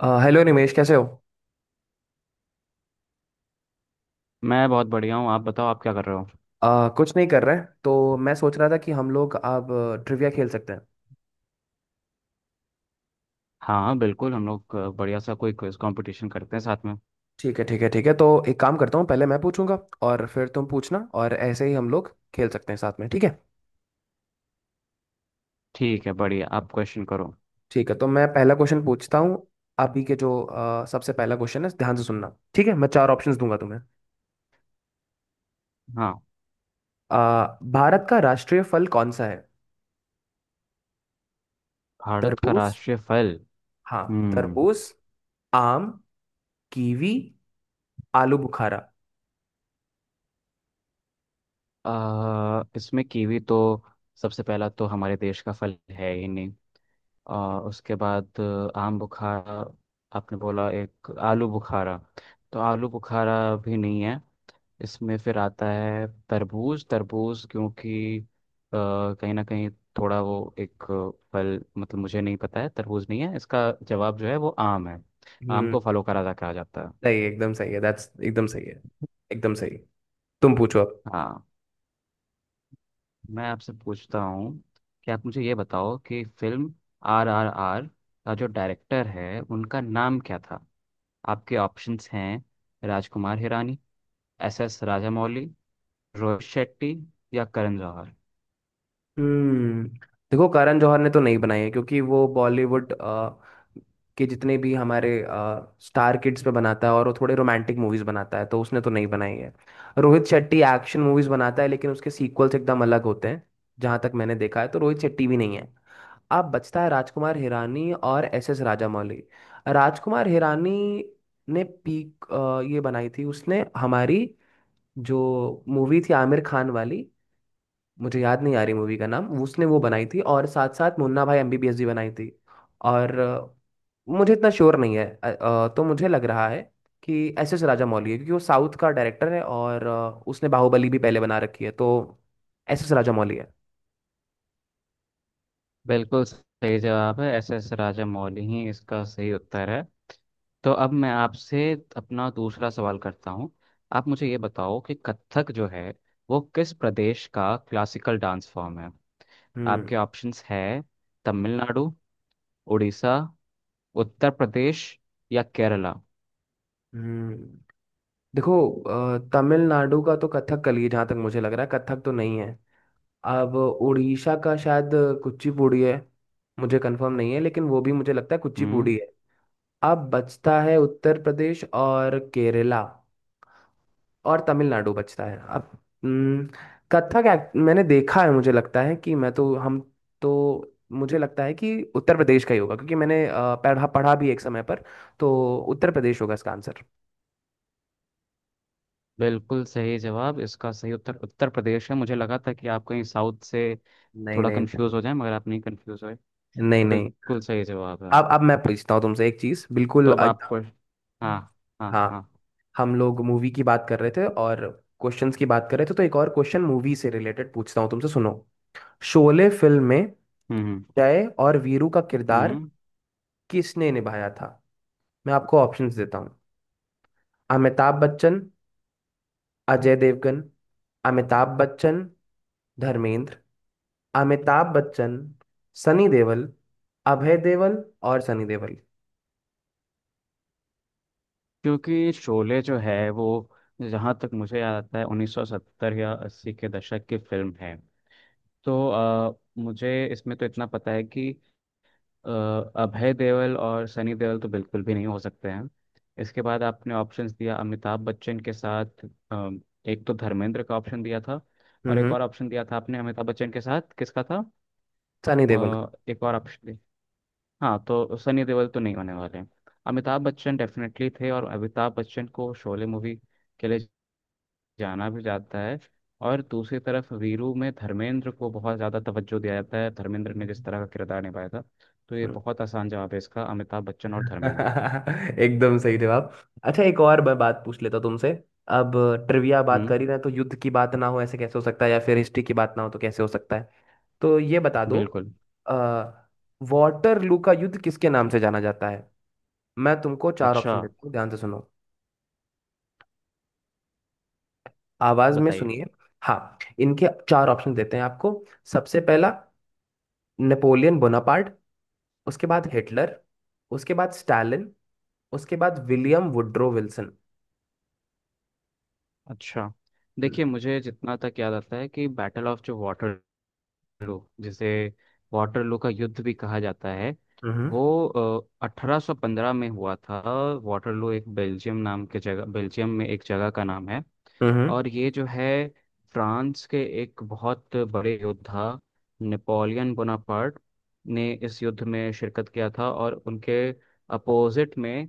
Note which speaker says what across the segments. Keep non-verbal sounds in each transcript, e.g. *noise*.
Speaker 1: Hello Nimesh, कैसे हो?
Speaker 2: मैं बहुत बढ़िया हूँ। आप बताओ, आप क्या कर रहे हो?
Speaker 1: कुछ नहीं कर रहे हैं, तो मैं सोच रहा था कि हम लोग अब ट्रिविया खेल सकते हैं।
Speaker 2: हाँ, बिल्कुल। हम लोग बढ़िया सा कोई क्विज कंपटीशन करते हैं साथ में।
Speaker 1: ठीक है, ठीक है, ठीक है। तो एक काम करता हूँ, पहले मैं पूछूंगा और फिर तुम पूछना, और ऐसे ही हम लोग खेल सकते हैं साथ में, ठीक है।
Speaker 2: ठीक है, बढ़िया। आप क्वेश्चन करो।
Speaker 1: ठीक है, तो मैं पहला क्वेश्चन पूछता हूँ। अभी के जो सबसे पहला क्वेश्चन है, ध्यान से सुनना ठीक है। मैं चार ऑप्शंस दूंगा तुम्हें।
Speaker 2: हाँ।
Speaker 1: भारत का राष्ट्रीय फल कौन सा है?
Speaker 2: भारत का
Speaker 1: तरबूज,
Speaker 2: राष्ट्रीय फल।
Speaker 1: हाँ,
Speaker 2: हम्म।
Speaker 1: तरबूज, आम, कीवी, आलू बुखारा।
Speaker 2: इसमें कीवी तो सबसे पहला तो हमारे देश का फल है ही नहीं। और उसके बाद आम बुखारा। आपने बोला एक आलू बुखारा। तो आलू बुखारा भी नहीं है। इसमें फिर आता है तरबूज, तरबूज क्योंकि कहीं ना कहीं थोड़ा वो एक फल, मतलब मुझे नहीं पता है। तरबूज नहीं है इसका जवाब। जो है वो आम है। आम
Speaker 1: हम्म।
Speaker 2: को फलों का राजा कहा जाता है।
Speaker 1: सही है, एकदम सही है, दैट्स एकदम सही है, एकदम सही। तुम पूछो अब।
Speaker 2: हाँ, मैं आपसे पूछता हूँ कि आप मुझे ये बताओ कि फिल्म RRR का जो डायरेक्टर है, उनका नाम क्या था? आपके ऑप्शंस हैं: राजकुमार हिरानी, SS राजामौली, रोहित शेट्टी या करण जौहर।
Speaker 1: हम्म। देखो, करण जौहर ने तो नहीं बनाई है, क्योंकि वो बॉलीवुड के जितने भी हमारे स्टार किड्स पे बनाता है, और वो थोड़े रोमांटिक मूवीज बनाता है, तो उसने तो नहीं बनाई है। रोहित शेट्टी एक्शन मूवीज बनाता है, लेकिन उसके सीक्वल्स एकदम अलग होते हैं। जहां तक मैंने देखा है, तो रोहित शेट्टी भी नहीं है। अब बचता है राजकुमार हिरानी और एस एस राजामौली। राजकुमार हिरानी ने पीक ये बनाई थी, उसने हमारी जो मूवी थी आमिर खान वाली, मुझे याद नहीं आ रही मूवी का नाम। उसने वो बनाई थी, और साथ साथ मुन्ना भाई एमबीबीएस भी बनाई थी। और मुझे इतना श्योर नहीं है। तो मुझे लग रहा है कि एस एस राजामौली है, क्योंकि वो साउथ का डायरेक्टर है, और उसने बाहुबली भी पहले बना रखी है, तो एस एस राजामौली है।
Speaker 2: बिल्कुल सही जवाब है। SS राजामौली ही इसका सही उत्तर है। तो अब मैं आपसे अपना दूसरा सवाल करता हूँ। आप मुझे ये बताओ कि कथक जो है वो किस प्रदेश का क्लासिकल डांस फॉर्म है?
Speaker 1: हम्म,
Speaker 2: आपके ऑप्शंस है: तमिलनाडु, उड़ीसा, उत्तर प्रदेश या केरला।
Speaker 1: हम्म। देखो, तमिलनाडु का तो कथकली है, जहाँ तक मुझे लग रहा है। कथक तो नहीं है। अब उड़ीसा का शायद कुचिपुड़ी है, मुझे कंफर्म नहीं है, लेकिन वो भी मुझे लगता है
Speaker 2: हम्म।
Speaker 1: कुचिपुड़ी है। अब बचता है उत्तर प्रदेश और केरला, और तमिलनाडु बचता है अब। हम्म, कथक मैंने देखा है, मुझे लगता है कि मैं तो हम तो मुझे लगता है कि उत्तर प्रदेश का ही होगा, क्योंकि मैंने पढ़ा पढ़ा भी एक समय पर। तो उत्तर प्रदेश होगा इसका आंसर।
Speaker 2: बिल्कुल सही जवाब। इसका सही उत्तर उत्तर प्रदेश है। मुझे लगा था कि आप कहीं साउथ से
Speaker 1: नहीं,
Speaker 2: थोड़ा
Speaker 1: नहीं।
Speaker 2: कंफ्यूज हो जाए, मगर आप नहीं कंफ्यूज हुए।
Speaker 1: नहीं,
Speaker 2: तो
Speaker 1: नहीं।
Speaker 2: बिल्कुल सही जवाब है।
Speaker 1: अब मैं पूछता हूँ तुमसे एक चीज
Speaker 2: तो
Speaker 1: बिल्कुल।
Speaker 2: अब आपको, हाँ, हाँ,
Speaker 1: हाँ,
Speaker 2: हाँ।
Speaker 1: हम लोग मूवी की बात कर रहे थे, और क्वेश्चंस की बात कर रहे थे। तो एक और क्वेश्चन मूवी से रिलेटेड पूछता हूँ तुमसे, सुनो। शोले फिल्म में
Speaker 2: हम्म, हम्म,
Speaker 1: जय और वीरू का किरदार
Speaker 2: हम्म।
Speaker 1: किसने निभाया था? मैं आपको ऑप्शंस देता हूँ। अमिताभ बच्चन, अजय देवगन; अमिताभ बच्चन, धर्मेंद्र; अमिताभ बच्चन, सनी देओल; अभय देओल और सनी देओल।
Speaker 2: क्योंकि शोले जो है वो, जहाँ तक मुझे याद आता है, 1970 या 80 के दशक की फिल्म है। तो मुझे इसमें तो इतना पता है कि अभय देओल और सनी देओल तो बिल्कुल भी नहीं हो सकते हैं। इसके बाद आपने ऑप्शंस दिया अमिताभ बच्चन के साथ। अ, एक तो धर्मेंद्र का ऑप्शन दिया था। और एक
Speaker 1: हम्म।
Speaker 2: और ऑप्शन दिया था आपने अमिताभ बच्चन के साथ, किसका था?
Speaker 1: सनी देओल।
Speaker 2: एक और ऑप्शन। हाँ, तो सनी देओल तो नहीं होने वाले हैं। अमिताभ बच्चन डेफिनेटली थे, और अमिताभ बच्चन को शोले मूवी के लिए जाना भी जाता है। और दूसरी तरफ वीरू में धर्मेंद्र को बहुत ज़्यादा तवज्जो दिया जाता है। धर्मेंद्र ने जिस
Speaker 1: हम्म।
Speaker 2: तरह का किरदार निभाया था, तो ये
Speaker 1: हम्म।
Speaker 2: बहुत आसान जवाब है इसका: अमिताभ बच्चन और
Speaker 1: *laughs*
Speaker 2: धर्मेंद्र।
Speaker 1: एकदम सही जवाब। अच्छा, एक और मैं बात पूछ लेता हूं तुमसे। अब ट्रिविया बात
Speaker 2: हम्म।
Speaker 1: कर ही रहे हैं, तो युद्ध की बात ना हो ऐसे कैसे हो सकता है, या फिर हिस्ट्री की बात ना हो तो कैसे हो सकता है? तो ये बता दो।
Speaker 2: बिल्कुल।
Speaker 1: अ, वाटरलू का युद्ध किसके नाम से जाना जाता है? मैं तुमको चार
Speaker 2: अच्छा,
Speaker 1: ऑप्शन देता हूँ, ध्यान से सुनो। आवाज में
Speaker 2: बताइए।
Speaker 1: सुनिए। हाँ, इनके चार ऑप्शन देते हैं आपको। सबसे पहला नेपोलियन बोनापार्ट, उसके बाद हिटलर, उसके बाद स्टालिन, उसके बाद विलियम वुड्रो विल्सन।
Speaker 2: अच्छा,
Speaker 1: हम्म,
Speaker 2: देखिए मुझे जितना तक याद आता है कि बैटल ऑफ, जो वाटरलू, जिसे वाटरलू का युद्ध भी कहा जाता है,
Speaker 1: हम्म।
Speaker 2: वो 1815 में हुआ था। वाटरलू एक बेल्जियम, नाम के जगह, बेल्जियम में एक जगह का नाम है।
Speaker 1: हम्म।
Speaker 2: और ये जो है, फ्रांस के एक बहुत बड़े योद्धा नेपोलियन बोनापार्ट ने इस युद्ध में शिरकत किया था, और उनके अपोजिट में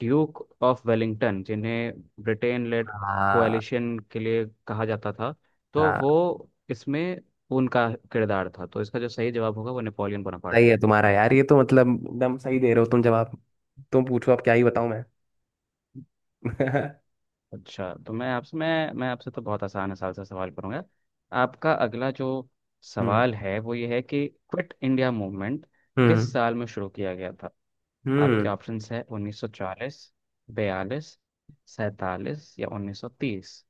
Speaker 2: ड्यूक ऑफ वेलिंगटन, जिन्हें ब्रिटेन लेड
Speaker 1: हाँ,
Speaker 2: कोएलिशन के लिए कहा जाता था, तो
Speaker 1: हाँ।
Speaker 2: वो इसमें उनका किरदार था। तो इसका जो सही जवाब होगा वो नेपोलियन बोनापार्ट
Speaker 1: सही
Speaker 2: है।
Speaker 1: है तुम्हारा यार, ये तो मतलब एकदम सही दे रहे हो तुम जवाब। तुम पूछो अब, क्या ही बताऊं मैं? *laughs* हम्म,
Speaker 2: अच्छा, तो मैं आपसे तो बहुत आसान आसान सा सवाल करूंगा। आपका अगला जो सवाल है वो ये है कि क्विट इंडिया मूवमेंट किस
Speaker 1: हम्म।
Speaker 2: साल में शुरू किया गया था? आपके
Speaker 1: हम्म,
Speaker 2: ऑप्शंस है: 1940, 42, 47 या 1930।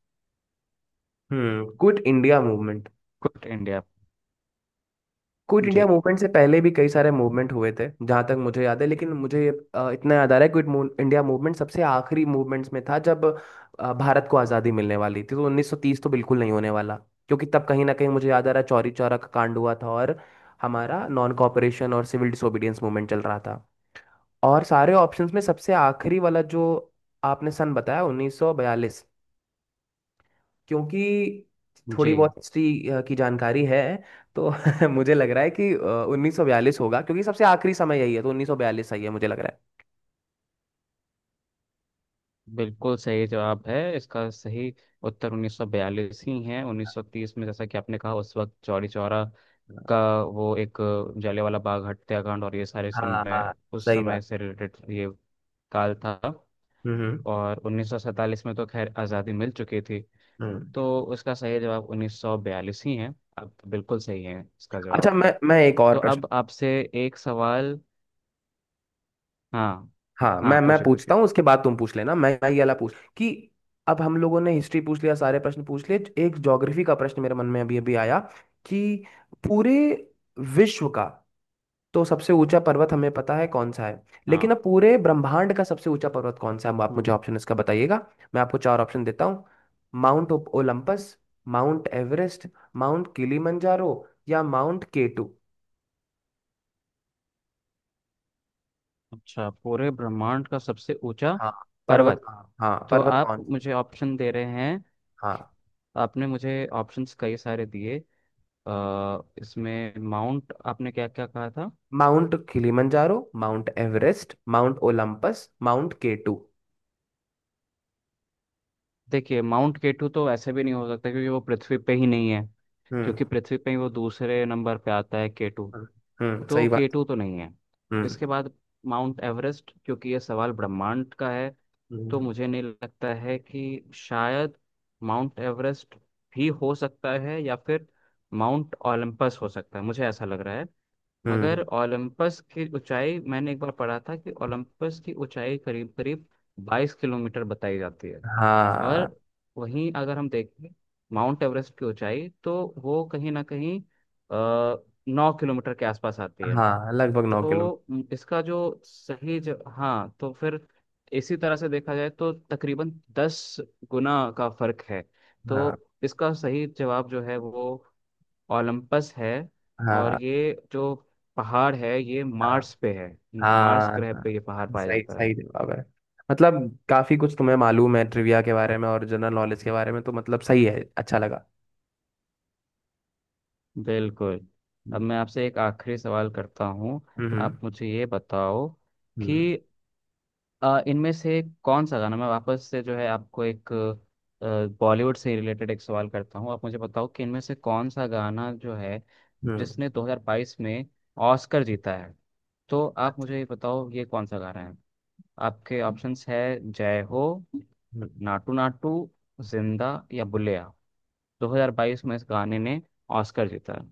Speaker 1: हम्म। Quit India movement.
Speaker 2: Quit India.
Speaker 1: Quit India
Speaker 2: जी।
Speaker 1: मूवमेंट से पहले भी कई सारे मूवमेंट हुए थे जहां तक मुझे याद है, लेकिन मुझे ये, इतना याद आ रहा है क्विट इंडिया मूवमेंट सबसे आखिरी मूवमेंट्स में था, जब भारत को आज़ादी मिलने वाली थी। तो 1930 तो बिल्कुल नहीं होने वाला, क्योंकि तब कहीं ना कहीं मुझे याद आ रहा है चौरी चौरा का कांड हुआ था, और हमारा नॉन कॉपरेशन और सिविल डिसोबीडियंस मूवमेंट चल रहा था। और सारे ऑप्शंस में सबसे आखिरी वाला जो आपने सन बताया, 1942, क्योंकि थोड़ी
Speaker 2: जी।
Speaker 1: बहुत हिस्ट्री की जानकारी है, तो *laughs* मुझे लग रहा है कि 1942 होगा, क्योंकि सबसे आखिरी समय यही है। तो 1942 सही है, मुझे लग रहा
Speaker 2: बिल्कुल सही जवाब है। इसका सही उत्तर 1942 ही है। 1930 में, जैसा कि आपने कहा, उस वक्त चौरी चौरा
Speaker 1: है।
Speaker 2: का वो एक, जलियांवाला बाग हत्याकांड और ये सारे
Speaker 1: हाँ,
Speaker 2: समय,
Speaker 1: हाँ,
Speaker 2: उस
Speaker 1: सही बात।
Speaker 2: समय से रिलेटेड ये काल था।
Speaker 1: हम्म, हम्म।
Speaker 2: और 1947 में तो खैर आज़ादी मिल चुकी थी।
Speaker 1: हम्म।
Speaker 2: तो उसका सही जवाब 1942 ही है। अब बिल्कुल सही है इसका जवाब
Speaker 1: अच्छा,
Speaker 2: आपका।
Speaker 1: मैं एक
Speaker 2: तो
Speaker 1: और प्रश्न।
Speaker 2: अब आपसे एक सवाल, हाँ,
Speaker 1: हाँ,
Speaker 2: हाँ,
Speaker 1: मैं
Speaker 2: पूछिए पूछिए।
Speaker 1: पूछता हूँ, उसके बाद तुम पूछ लेना। मैं ये वाला पूछ कि, अब हम लोगों ने हिस्ट्री पूछ लिया, सारे प्रश्न पूछ लिए। एक ज्योग्राफी का प्रश्न मेरे मन में अभी अभी आया कि पूरे विश्व का तो सबसे ऊंचा पर्वत हमें पता है कौन सा है,
Speaker 2: हाँ।
Speaker 1: लेकिन अब पूरे ब्रह्मांड का सबसे ऊंचा पर्वत कौन सा है? आप मुझे ऑप्शन इसका बताइएगा। मैं आपको चार ऑप्शन देता हूँ। Mount Olympus, Mount Everest, Mount Kilimanjaro या माउंट केटू।
Speaker 2: अच्छा, पूरे ब्रह्मांड का सबसे ऊंचा
Speaker 1: हाँ, पर्वत।
Speaker 2: पर्वत।
Speaker 1: हाँ,
Speaker 2: तो
Speaker 1: पर्वत
Speaker 2: आप
Speaker 1: कौन से?
Speaker 2: मुझे ऑप्शन दे रहे हैं।
Speaker 1: हाँ।
Speaker 2: आपने मुझे ऑप्शंस कई सारे दिए। इसमें माउंट, आपने क्या क्या कहा था?
Speaker 1: Mount Kilimanjaro, Mount Everest, Mount Olympus, Mount K two.
Speaker 2: देखिए, माउंट केटू तो ऐसे भी नहीं हो सकता क्योंकि वो पृथ्वी पे ही नहीं है।
Speaker 1: हम्म,
Speaker 2: क्योंकि पृथ्वी पे ही वो दूसरे नंबर पे आता है केटू।
Speaker 1: हम्म।
Speaker 2: तो
Speaker 1: सही बात।
Speaker 2: केटू तो नहीं है।
Speaker 1: हम्म,
Speaker 2: इसके बाद माउंट एवरेस्ट, क्योंकि ये सवाल ब्रह्मांड का है, तो
Speaker 1: हम्म।
Speaker 2: मुझे नहीं लगता है कि शायद माउंट एवरेस्ट भी हो सकता है, या फिर माउंट ओलंपस हो सकता है, मुझे ऐसा लग रहा है।
Speaker 1: हम्म,
Speaker 2: मगर ओलंपस की ऊंचाई, मैंने एक बार पढ़ा था कि ओलंपस की ऊंचाई करीब करीब 22 किलोमीटर बताई जाती है।
Speaker 1: हाँ।
Speaker 2: और वहीं अगर हम देखें, माउंट एवरेस्ट की ऊंचाई तो वो कहीं ना कहीं आ, 9 किलोमीटर के आसपास आती है।
Speaker 1: हाँ, लगभग 9 किलोमीटर।
Speaker 2: तो इसका जो सही ज... हाँ, तो फिर इसी तरह से देखा जाए तो तकरीबन 10 गुना का फर्क है। तो
Speaker 1: हाँ,
Speaker 2: इसका सही जवाब जो है वो ओलंपस है। और
Speaker 1: हाँ,
Speaker 2: ये जो पहाड़ है ये
Speaker 1: हाँ,
Speaker 2: मार्स पे है। मार्स
Speaker 1: हाँ,
Speaker 2: ग्रह
Speaker 1: हाँ,
Speaker 2: पे ये पहाड़
Speaker 1: हाँ,
Speaker 2: पाया
Speaker 1: सही
Speaker 2: जाता है।
Speaker 1: सही जवाब है। मतलब काफी कुछ तुम्हें मालूम है ट्रिविया के बारे में और जनरल नॉलेज के बारे में, तो मतलब सही है, अच्छा लगा।
Speaker 2: बिल्कुल। अब
Speaker 1: हम्म,
Speaker 2: मैं आपसे एक आखिरी सवाल करता हूँ।
Speaker 1: हम्म।
Speaker 2: आप मुझे ये बताओ कि
Speaker 1: हम्म,
Speaker 2: इनमें से कौन सा गाना, मैं वापस से जो है आपको एक बॉलीवुड से रिलेटेड एक सवाल करता हूँ। आप मुझे बताओ कि इनमें से कौन सा गाना जो है
Speaker 1: हम्म,
Speaker 2: जिसने 2022 में ऑस्कर जीता है? तो आप
Speaker 1: अच्छा,
Speaker 2: मुझे ये बताओ, ये कौन सा गाना है? आपके ऑप्शंस है: जय हो,
Speaker 1: हम्म।
Speaker 2: नाटू नाटू, जिंदा या बुलेया। 2022 में इस गाने ने ऑस्कर जीता है।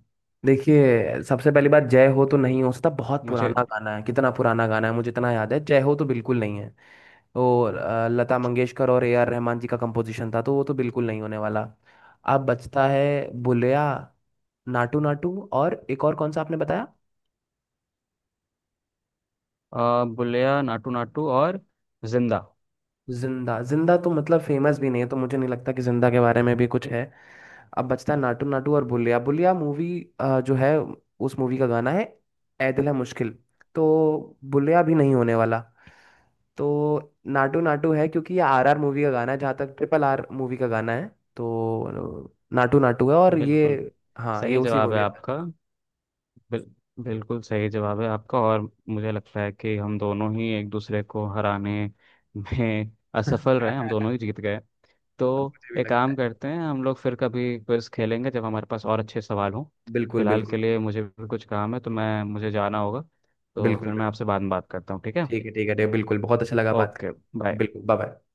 Speaker 1: देखिए, सबसे पहली बात, जय हो तो नहीं हो सकता, बहुत
Speaker 2: मुझे
Speaker 1: पुराना गाना है, कितना पुराना गाना है मुझे इतना याद है, जय हो तो बिल्कुल नहीं है। और लता मंगेशकर और A R रहमान जी का कंपोजिशन था, तो वो तो बिल्कुल नहीं होने वाला। अब बचता है बुलिया, नाटू नाटू और एक और कौन सा आपने बताया?
Speaker 2: बुलेया, नाटू नाटू और जिंदा।
Speaker 1: जिंदा। जिंदा तो मतलब फेमस भी नहीं है, तो मुझे नहीं लगता कि जिंदा के बारे में भी कुछ है। अब बचता है नाटू नाटू और बुलिया। बुलिया मूवी जो है, उस मूवी का गाना है ऐ दिल है मुश्किल, तो बुलिया भी नहीं होने वाला। तो नाटू नाटू है, क्योंकि ये आर आर मूवी का गाना है, जहाँ तक ट्रिपल आर मूवी का गाना है। तो नाटू नाटू है, और
Speaker 2: बिल्कुल
Speaker 1: ये, हाँ, ये
Speaker 2: सही
Speaker 1: उसी
Speaker 2: जवाब है
Speaker 1: मूवी का।
Speaker 2: आपका। बिल, बिल्कुल सही जवाब है आपका, और मुझे लगता है कि हम दोनों ही एक दूसरे को हराने *laughs* में असफल रहे। हम
Speaker 1: *laughs*
Speaker 2: दोनों ही जीत गए। तो
Speaker 1: अब मुझे भी
Speaker 2: एक
Speaker 1: लगता
Speaker 2: काम
Speaker 1: है,
Speaker 2: करते हैं, हम लोग फिर कभी क्विज खेलेंगे जब हमारे पास और अच्छे सवाल हों।
Speaker 1: बिल्कुल,
Speaker 2: फिलहाल के
Speaker 1: बिल्कुल।
Speaker 2: लिए मुझे भी कुछ काम है, तो मैं मुझे जाना होगा। तो
Speaker 1: बिल्कुल,
Speaker 2: फिर मैं
Speaker 1: बिल्कुल।
Speaker 2: आपसे बाद में बात करता हूँ, ठीक है?
Speaker 1: ठीक है, ठीक है, ठीक है, बिल्कुल, बहुत अच्छा लगा बात
Speaker 2: ओके।
Speaker 1: करके,
Speaker 2: बाय।
Speaker 1: बिल्कुल, बाय बाय।